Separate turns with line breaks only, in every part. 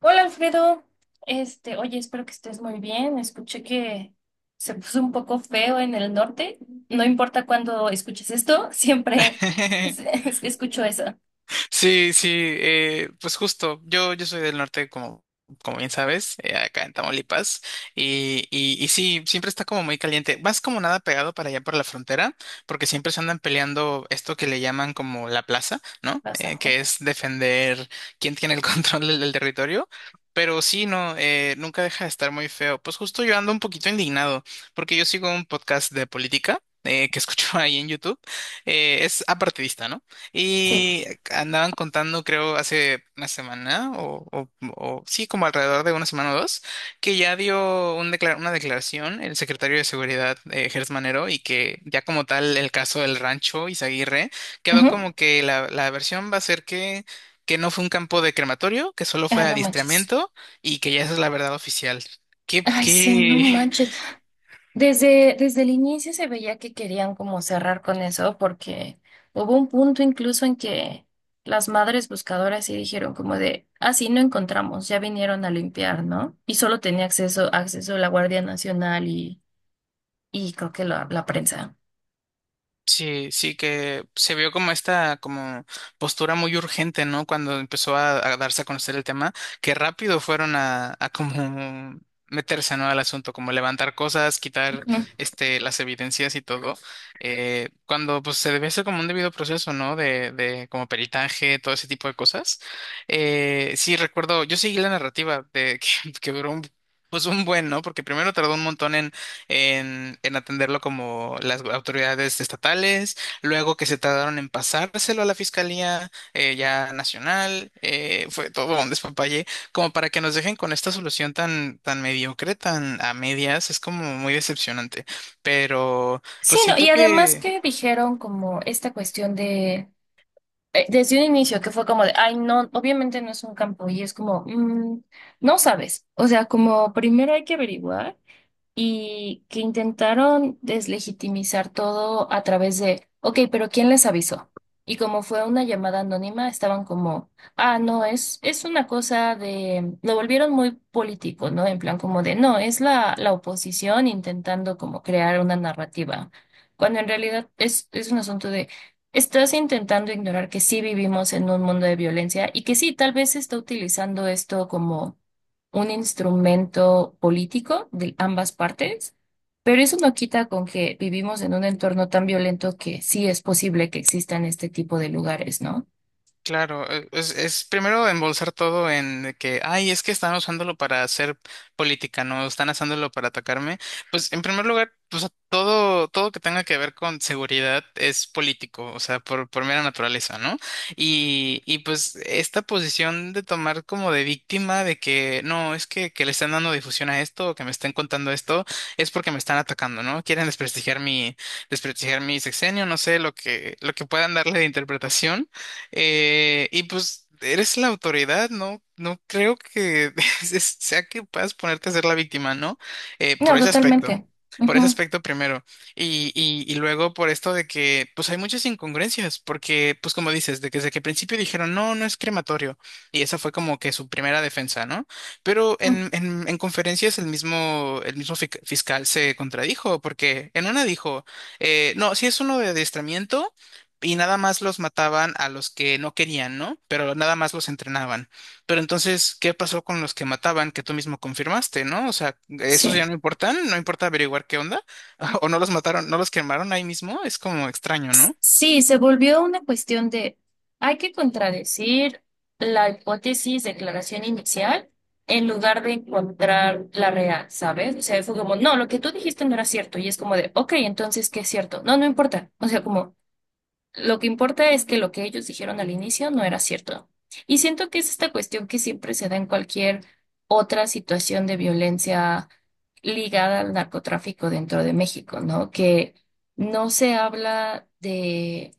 Hola, Alfredo, oye, espero que estés muy bien. Escuché que se puso un poco feo en el norte. No importa cuándo escuches esto, siempre escucho eso.
Sí, sí, pues justo, yo soy del norte, como bien sabes, acá en Tamaulipas, y sí, siempre está como muy caliente, más como nada pegado para allá por la frontera, porque siempre se andan peleando esto que le llaman como la plaza, ¿no?
Pasa.
Que es defender quién tiene el control del territorio. Pero sí, no, nunca deja de estar muy feo. Pues justo yo ando un poquito indignado, porque yo sigo un podcast de política que escucho ahí en YouTube. Es apartidista, ¿no?
Sí.
Y andaban contando, creo, hace una semana, sí, como alrededor de una semana o dos, que ya dio un una declaración el secretario de Seguridad, Gertz Manero, y que ya como tal el caso del rancho Izaguirre quedó
Ujú.
como que la versión va a ser que no fue un campo de crematorio, que solo
Ay,
fue
no manches.
adiestramiento y que ya esa es la verdad oficial. ¿Qué,
Ay, sí, no
qué?
manches. Desde el inicio se veía que querían como cerrar con eso, porque hubo un punto incluso en que las madres buscadoras sí dijeron como de, ah, sí, no encontramos, ya vinieron a limpiar, ¿no? Y solo tenía acceso la Guardia Nacional y creo que la prensa.
Sí, sí que se vio como esta como postura muy urgente, ¿no? Cuando empezó a darse a conocer el tema, que rápido fueron a como meterse, ¿no? Al asunto, como levantar cosas, quitar
Ujú.
este las evidencias y todo, cuando pues se debe hacer como un debido proceso, ¿no? De como peritaje, todo ese tipo de cosas. Sí, recuerdo, yo seguí la narrativa de que duró un, pues un buen, ¿no? Porque primero tardó un montón en atenderlo como las autoridades estatales, luego que se tardaron en pasárselo a la Fiscalía ya nacional, fue todo un despapalle, como para que nos dejen con esta solución tan, tan mediocre, tan a medias, es como muy decepcionante, pero
Sí,
pues
no, y
siento
además
que...
que dijeron como esta cuestión de, desde un inicio, que fue como de, ay, no, obviamente no es un campo, y es como, "Mm, no sabes, o sea, como primero hay que averiguar". Y que intentaron deslegitimizar todo a través de, ok, pero ¿quién les avisó? Y como fue una llamada anónima, estaban como, ah, no, es una cosa de, lo volvieron muy político, ¿no? En plan como de, no, es la oposición intentando como crear una narrativa, cuando en realidad es un asunto de, estás intentando ignorar que sí vivimos en un mundo de violencia, y que sí, tal vez se está utilizando esto como un instrumento político de ambas partes, pero eso no quita con que vivimos en un entorno tan violento que sí es posible que existan este tipo de lugares, ¿no?
Claro, es primero embolsar todo en de que, ay, es que están usándolo para hacer política, no están usándolo para atacarme. Pues en primer lugar, pues todo que tenga que ver con seguridad es político, o sea, por mera naturaleza, ¿no? Y pues esta posición de tomar como de víctima de que no, es que le están dando difusión a esto o que me estén contando esto, es porque me están atacando, ¿no? Quieren desprestigiar mi sexenio, no sé, lo que puedan darle de interpretación. Y pues eres la autoridad, ¿no? No creo que sea que puedas ponerte a ser la víctima, ¿no? Por
No,
ese aspecto.
totalmente.
Por ese
Ujú.
aspecto primero. Y luego por esto de que, pues hay muchas incongruencias, porque, pues como dices, de que desde que al principio dijeron, no, no es crematorio. Y esa fue como que su primera defensa, ¿no? Pero
Mm.
en conferencias el mismo fiscal se contradijo, porque en una dijo, no, si es uno de adiestramiento y nada más los mataban a los que no querían, ¿no? Pero nada más los entrenaban. Pero entonces, ¿qué pasó con los que mataban que tú mismo confirmaste, ¿no? O sea, ¿esos
Sí.
ya no importan? ¿No importa averiguar qué onda? ¿O no los mataron, no los quemaron ahí mismo? Es como extraño, ¿no?
Sí, se volvió una cuestión de, hay que contradecir la hipótesis de declaración inicial en lugar de encontrar la real, ¿sabes? O sea, fue como, no, lo que tú dijiste no era cierto. Y es como de, ok, entonces, ¿qué es cierto? No, no importa. O sea, como, lo que importa es que lo que ellos dijeron al inicio no era cierto. Y siento que es esta cuestión que siempre se da en cualquier otra situación de violencia ligada al narcotráfico dentro de México, ¿no? Que no se habla de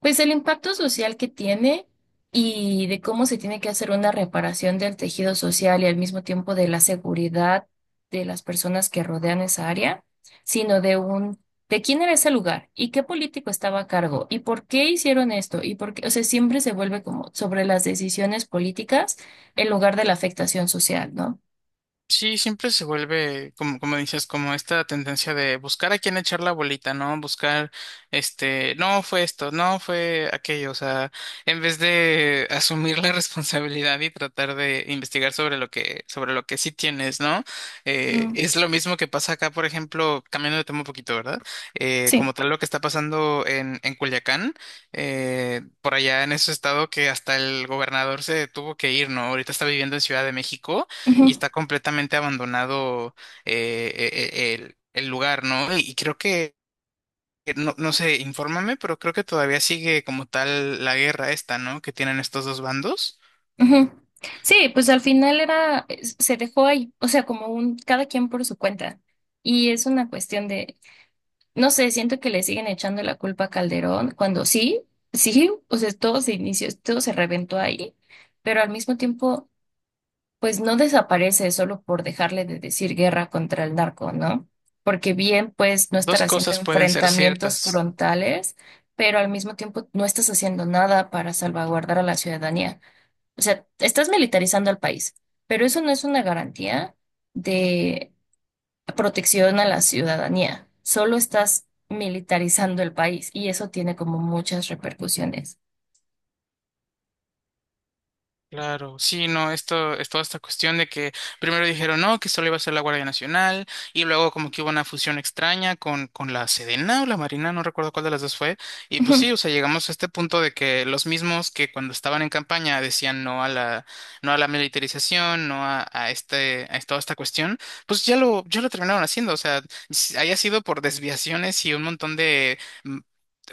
pues el impacto social que tiene, y de cómo se tiene que hacer una reparación del tejido social y al mismo tiempo de la seguridad de las personas que rodean esa área, sino de un de quién era ese lugar y qué político estaba a cargo y por qué hicieron esto y por qué, o sea, siempre se vuelve como sobre las decisiones políticas en lugar de la afectación social, ¿no?
Sí, siempre se vuelve, como, como dices, como esta tendencia de buscar a quién echar la bolita, ¿no? Buscar, este, no fue esto, no fue aquello, o sea, en vez de asumir la responsabilidad y tratar de investigar sobre lo que sí tienes, ¿no?
Mm,
Es lo mismo que pasa acá, por ejemplo, cambiando de tema un poquito, ¿verdad?
sí.
Como tal lo que está pasando en Culiacán, por allá en ese estado que hasta el gobernador se tuvo que ir, ¿no? Ahorita está viviendo en Ciudad de México y
Ujú.
está completamente abandonado el lugar, ¿no? Y creo que no, no sé, infórmame, pero creo que todavía sigue como tal la guerra esta, ¿no? Que tienen estos dos bandos.
Ujú. Sí, pues al final era, se dejó ahí, o sea, como un, cada quien por su cuenta. Y es una cuestión de, no sé, siento que le siguen echando la culpa a Calderón cuando sí, sí, o sea, todo se inició, todo se reventó ahí, pero al mismo tiempo, pues no desaparece solo por dejarle de decir guerra contra el narco, ¿no? Porque bien, pues no estar
Dos
haciendo
cosas pueden ser
enfrentamientos
ciertas.
frontales, pero al mismo tiempo no estás haciendo nada para salvaguardar a la ciudadanía. O sea, estás militarizando al país, pero eso no es una garantía de protección a la ciudadanía. Solo estás militarizando el país, y eso tiene como muchas repercusiones.
Claro, sí, no, esto es toda esta cuestión de que primero dijeron no, que solo iba a ser la Guardia Nacional y luego como que hubo una fusión extraña con la Sedena o la Marina, no recuerdo cuál de las dos fue, y pues
Ujú.
sí, o sea, llegamos a este punto de que los mismos que cuando estaban en campaña decían no a la, no a la militarización, no a este, a toda esta cuestión, pues ya lo terminaron haciendo, o sea, haya sido por desviaciones y un montón de mm,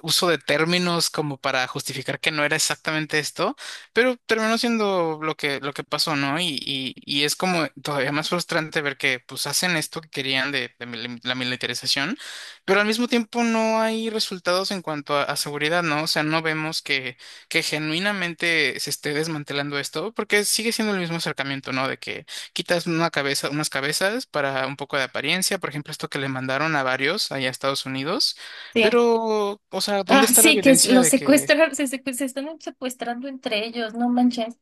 uso de términos como para justificar que no era exactamente esto pero terminó siendo lo que pasó, ¿no? Y es como todavía más frustrante ver que pues hacen esto que querían de la militarización, pero al mismo tiempo no hay resultados en cuanto a seguridad, ¿no? O sea, no vemos que genuinamente se esté desmantelando esto, porque sigue siendo el mismo acercamiento, ¿no? De que quitas una cabeza, unas cabezas para un poco de apariencia, por ejemplo, esto que le mandaron a varios allá a Estados Unidos,
Sí.
pero, o sea, ¿dónde
Ah,
está la
sí, que
evidencia
los
de que?
secuestran, se están secuestrando entre ellos, no manches.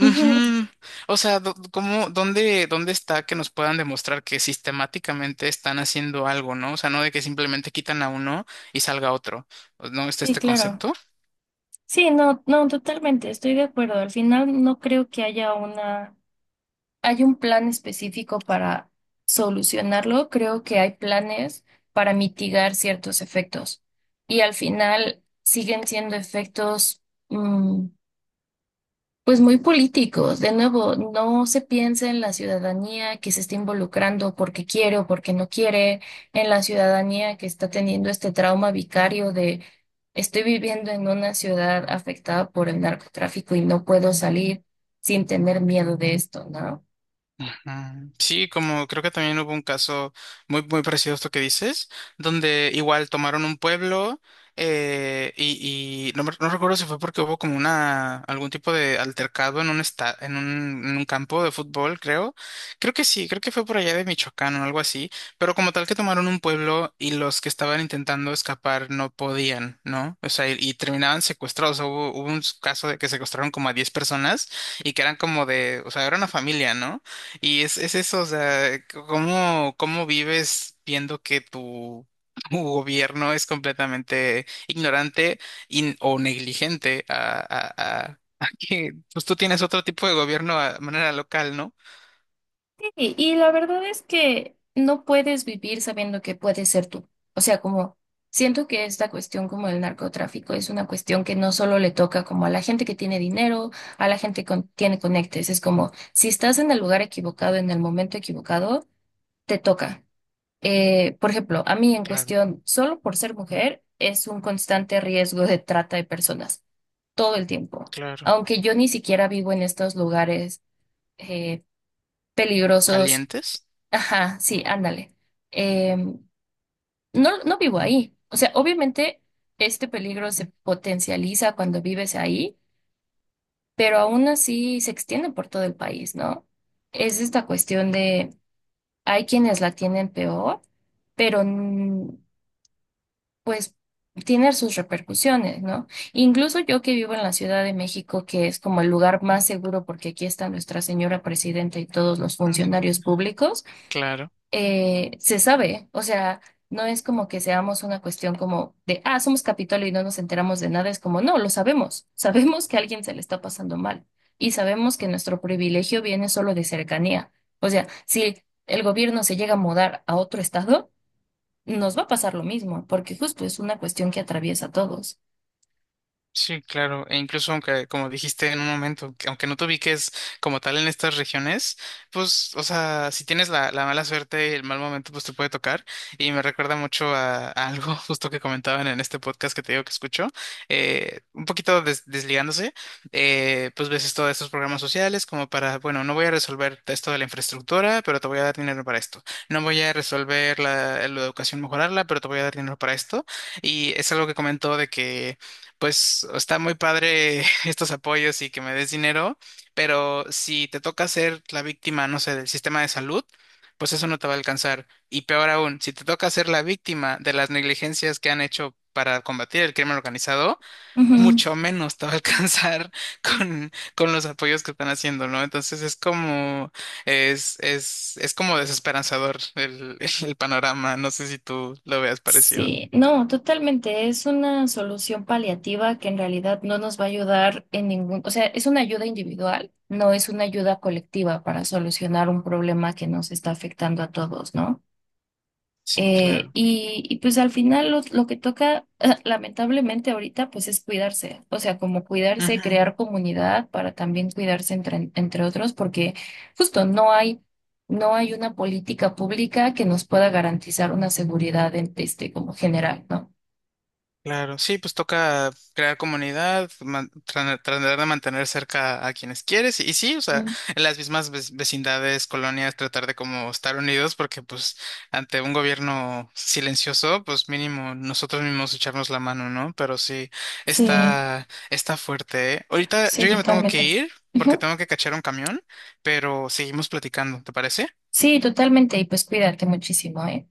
Ujú.
O sea, ¿cómo, dónde está que nos puedan demostrar que sistemáticamente están haciendo algo, ¿no? O sea, no de que simplemente quitan a uno y salga otro. ¿No está
Sí,
este
claro.
concepto?
Sí, no, no, totalmente, estoy de acuerdo. Al final no creo que hay un plan específico para solucionarlo. Creo que hay planes para mitigar ciertos efectos, y al final siguen siendo efectos mm, pues muy políticos. De nuevo, no se piensa en la ciudadanía que se está involucrando porque quiere o porque no quiere, en la ciudadanía que está teniendo este trauma vicario de estoy viviendo en una ciudad afectada por el narcotráfico y no puedo salir sin tener miedo de esto, ¿no?
Ujú. Sí, como creo que también hubo un caso muy, muy parecido a esto que dices, donde igual tomaron un pueblo y no, no recuerdo si fue porque hubo como una algún tipo de altercado en un, esta- en un campo de fútbol, creo. Creo que sí, creo que fue por allá de Michoacán o algo así, pero como tal que tomaron un pueblo y los que estaban intentando escapar no podían, ¿no? O sea, y terminaban secuestrados. O sea, hubo un caso de que secuestraron como a 10 personas y que eran como de, o sea, era una familia, ¿no? Y es eso, o sea, ¿cómo vives viendo que tu, tu gobierno es completamente ignorante o negligente a que pues tú tienes otro tipo de gobierno a manera local, ¿no?
Y la verdad es que no puedes vivir sabiendo que puedes ser tú. O sea, como siento que esta cuestión como el narcotráfico es una cuestión que no solo le toca como a la gente que tiene dinero, a la gente que tiene conectes. Es como si estás en el lugar equivocado, en el momento equivocado, te toca. Por ejemplo, a mí en
Claro,
cuestión, solo por ser mujer, es un constante riesgo de trata de personas, todo el tiempo.
claro.
Aunque yo ni siquiera vivo en estos lugares, eh, peligrosos.
¿Calientes?
Ajá, sí, ándale. Em, no, no vivo ahí. O sea, obviamente este peligro se potencializa cuando vives ahí, pero aún así se extiende por todo el país, ¿no? Es esta cuestión de hay quienes la tienen peor, pero pues tiene sus repercusiones, ¿no? Incluso yo que vivo en la Ciudad de México, que es como el lugar más seguro porque aquí está nuestra señora presidenta y todos los funcionarios públicos.
Claro.
Eh, se sabe, o sea, no es como que seamos una cuestión como de, ah, somos Capitolio y no nos enteramos de nada. Es como, no, lo sabemos, sabemos que a alguien se le está pasando mal, y sabemos que nuestro privilegio viene solo de cercanía. O sea, si el gobierno se llega a mudar a otro estado, nos va a pasar lo mismo, porque justo es una cuestión que atraviesa a todos.
Sí, claro, e incluso aunque, como dijiste en un momento, que aunque no te ubiques como tal en estas regiones, pues, o sea, si tienes la mala suerte, el mal momento, pues te puede tocar. Y me recuerda mucho a algo justo que comentaban en este podcast que te digo que escucho, un poquito desligándose, pues ves todos estos programas sociales como para, bueno, no voy a resolver esto de la infraestructura, pero te voy a dar dinero para esto. No voy a resolver la educación, mejorarla, pero te voy a dar dinero para esto. Y es algo que comentó de que pues está muy padre estos apoyos y que me des dinero, pero si te toca ser la víctima, no sé, del sistema de salud, pues eso no te va a alcanzar. Y peor aún, si te toca ser la víctima de las negligencias que han hecho para combatir el crimen organizado,
Ujú.
mucho menos te va a alcanzar con los apoyos que están haciendo, ¿no? Entonces es como, es como desesperanzador el, el panorama. No sé si tú lo veas parecido.
Sí, no, totalmente. Es una solución paliativa que en realidad no nos va a ayudar en ningún, o sea, es una ayuda individual, no es una ayuda colectiva para solucionar un problema que nos está afectando a todos, ¿no?
Sí, claro.
Y, pues al final lo que toca, lamentablemente ahorita, pues es cuidarse, o sea, como cuidarse, crear comunidad para también cuidarse entre, entre otros, porque justo no hay, no hay una política pública que nos pueda garantizar una seguridad en- este, como general, ¿no?
Claro, sí, pues toca crear comunidad, tratar de mantener cerca a quienes quieres y, sí, o sea,
Mm.
en las mismas vecindades, colonias, tratar de como estar unidos porque pues ante un gobierno silencioso, pues mínimo nosotros mismos echarnos la mano, ¿no? Pero sí,
Sí,
está fuerte, ¿eh? Ahorita
sí,
yo ya me tengo que
totalmente.
ir porque
Ujú.
tengo que cachar un camión, pero seguimos platicando, ¿te parece?
Sí, totalmente, y pues cuídate muchísimo, ¿eh?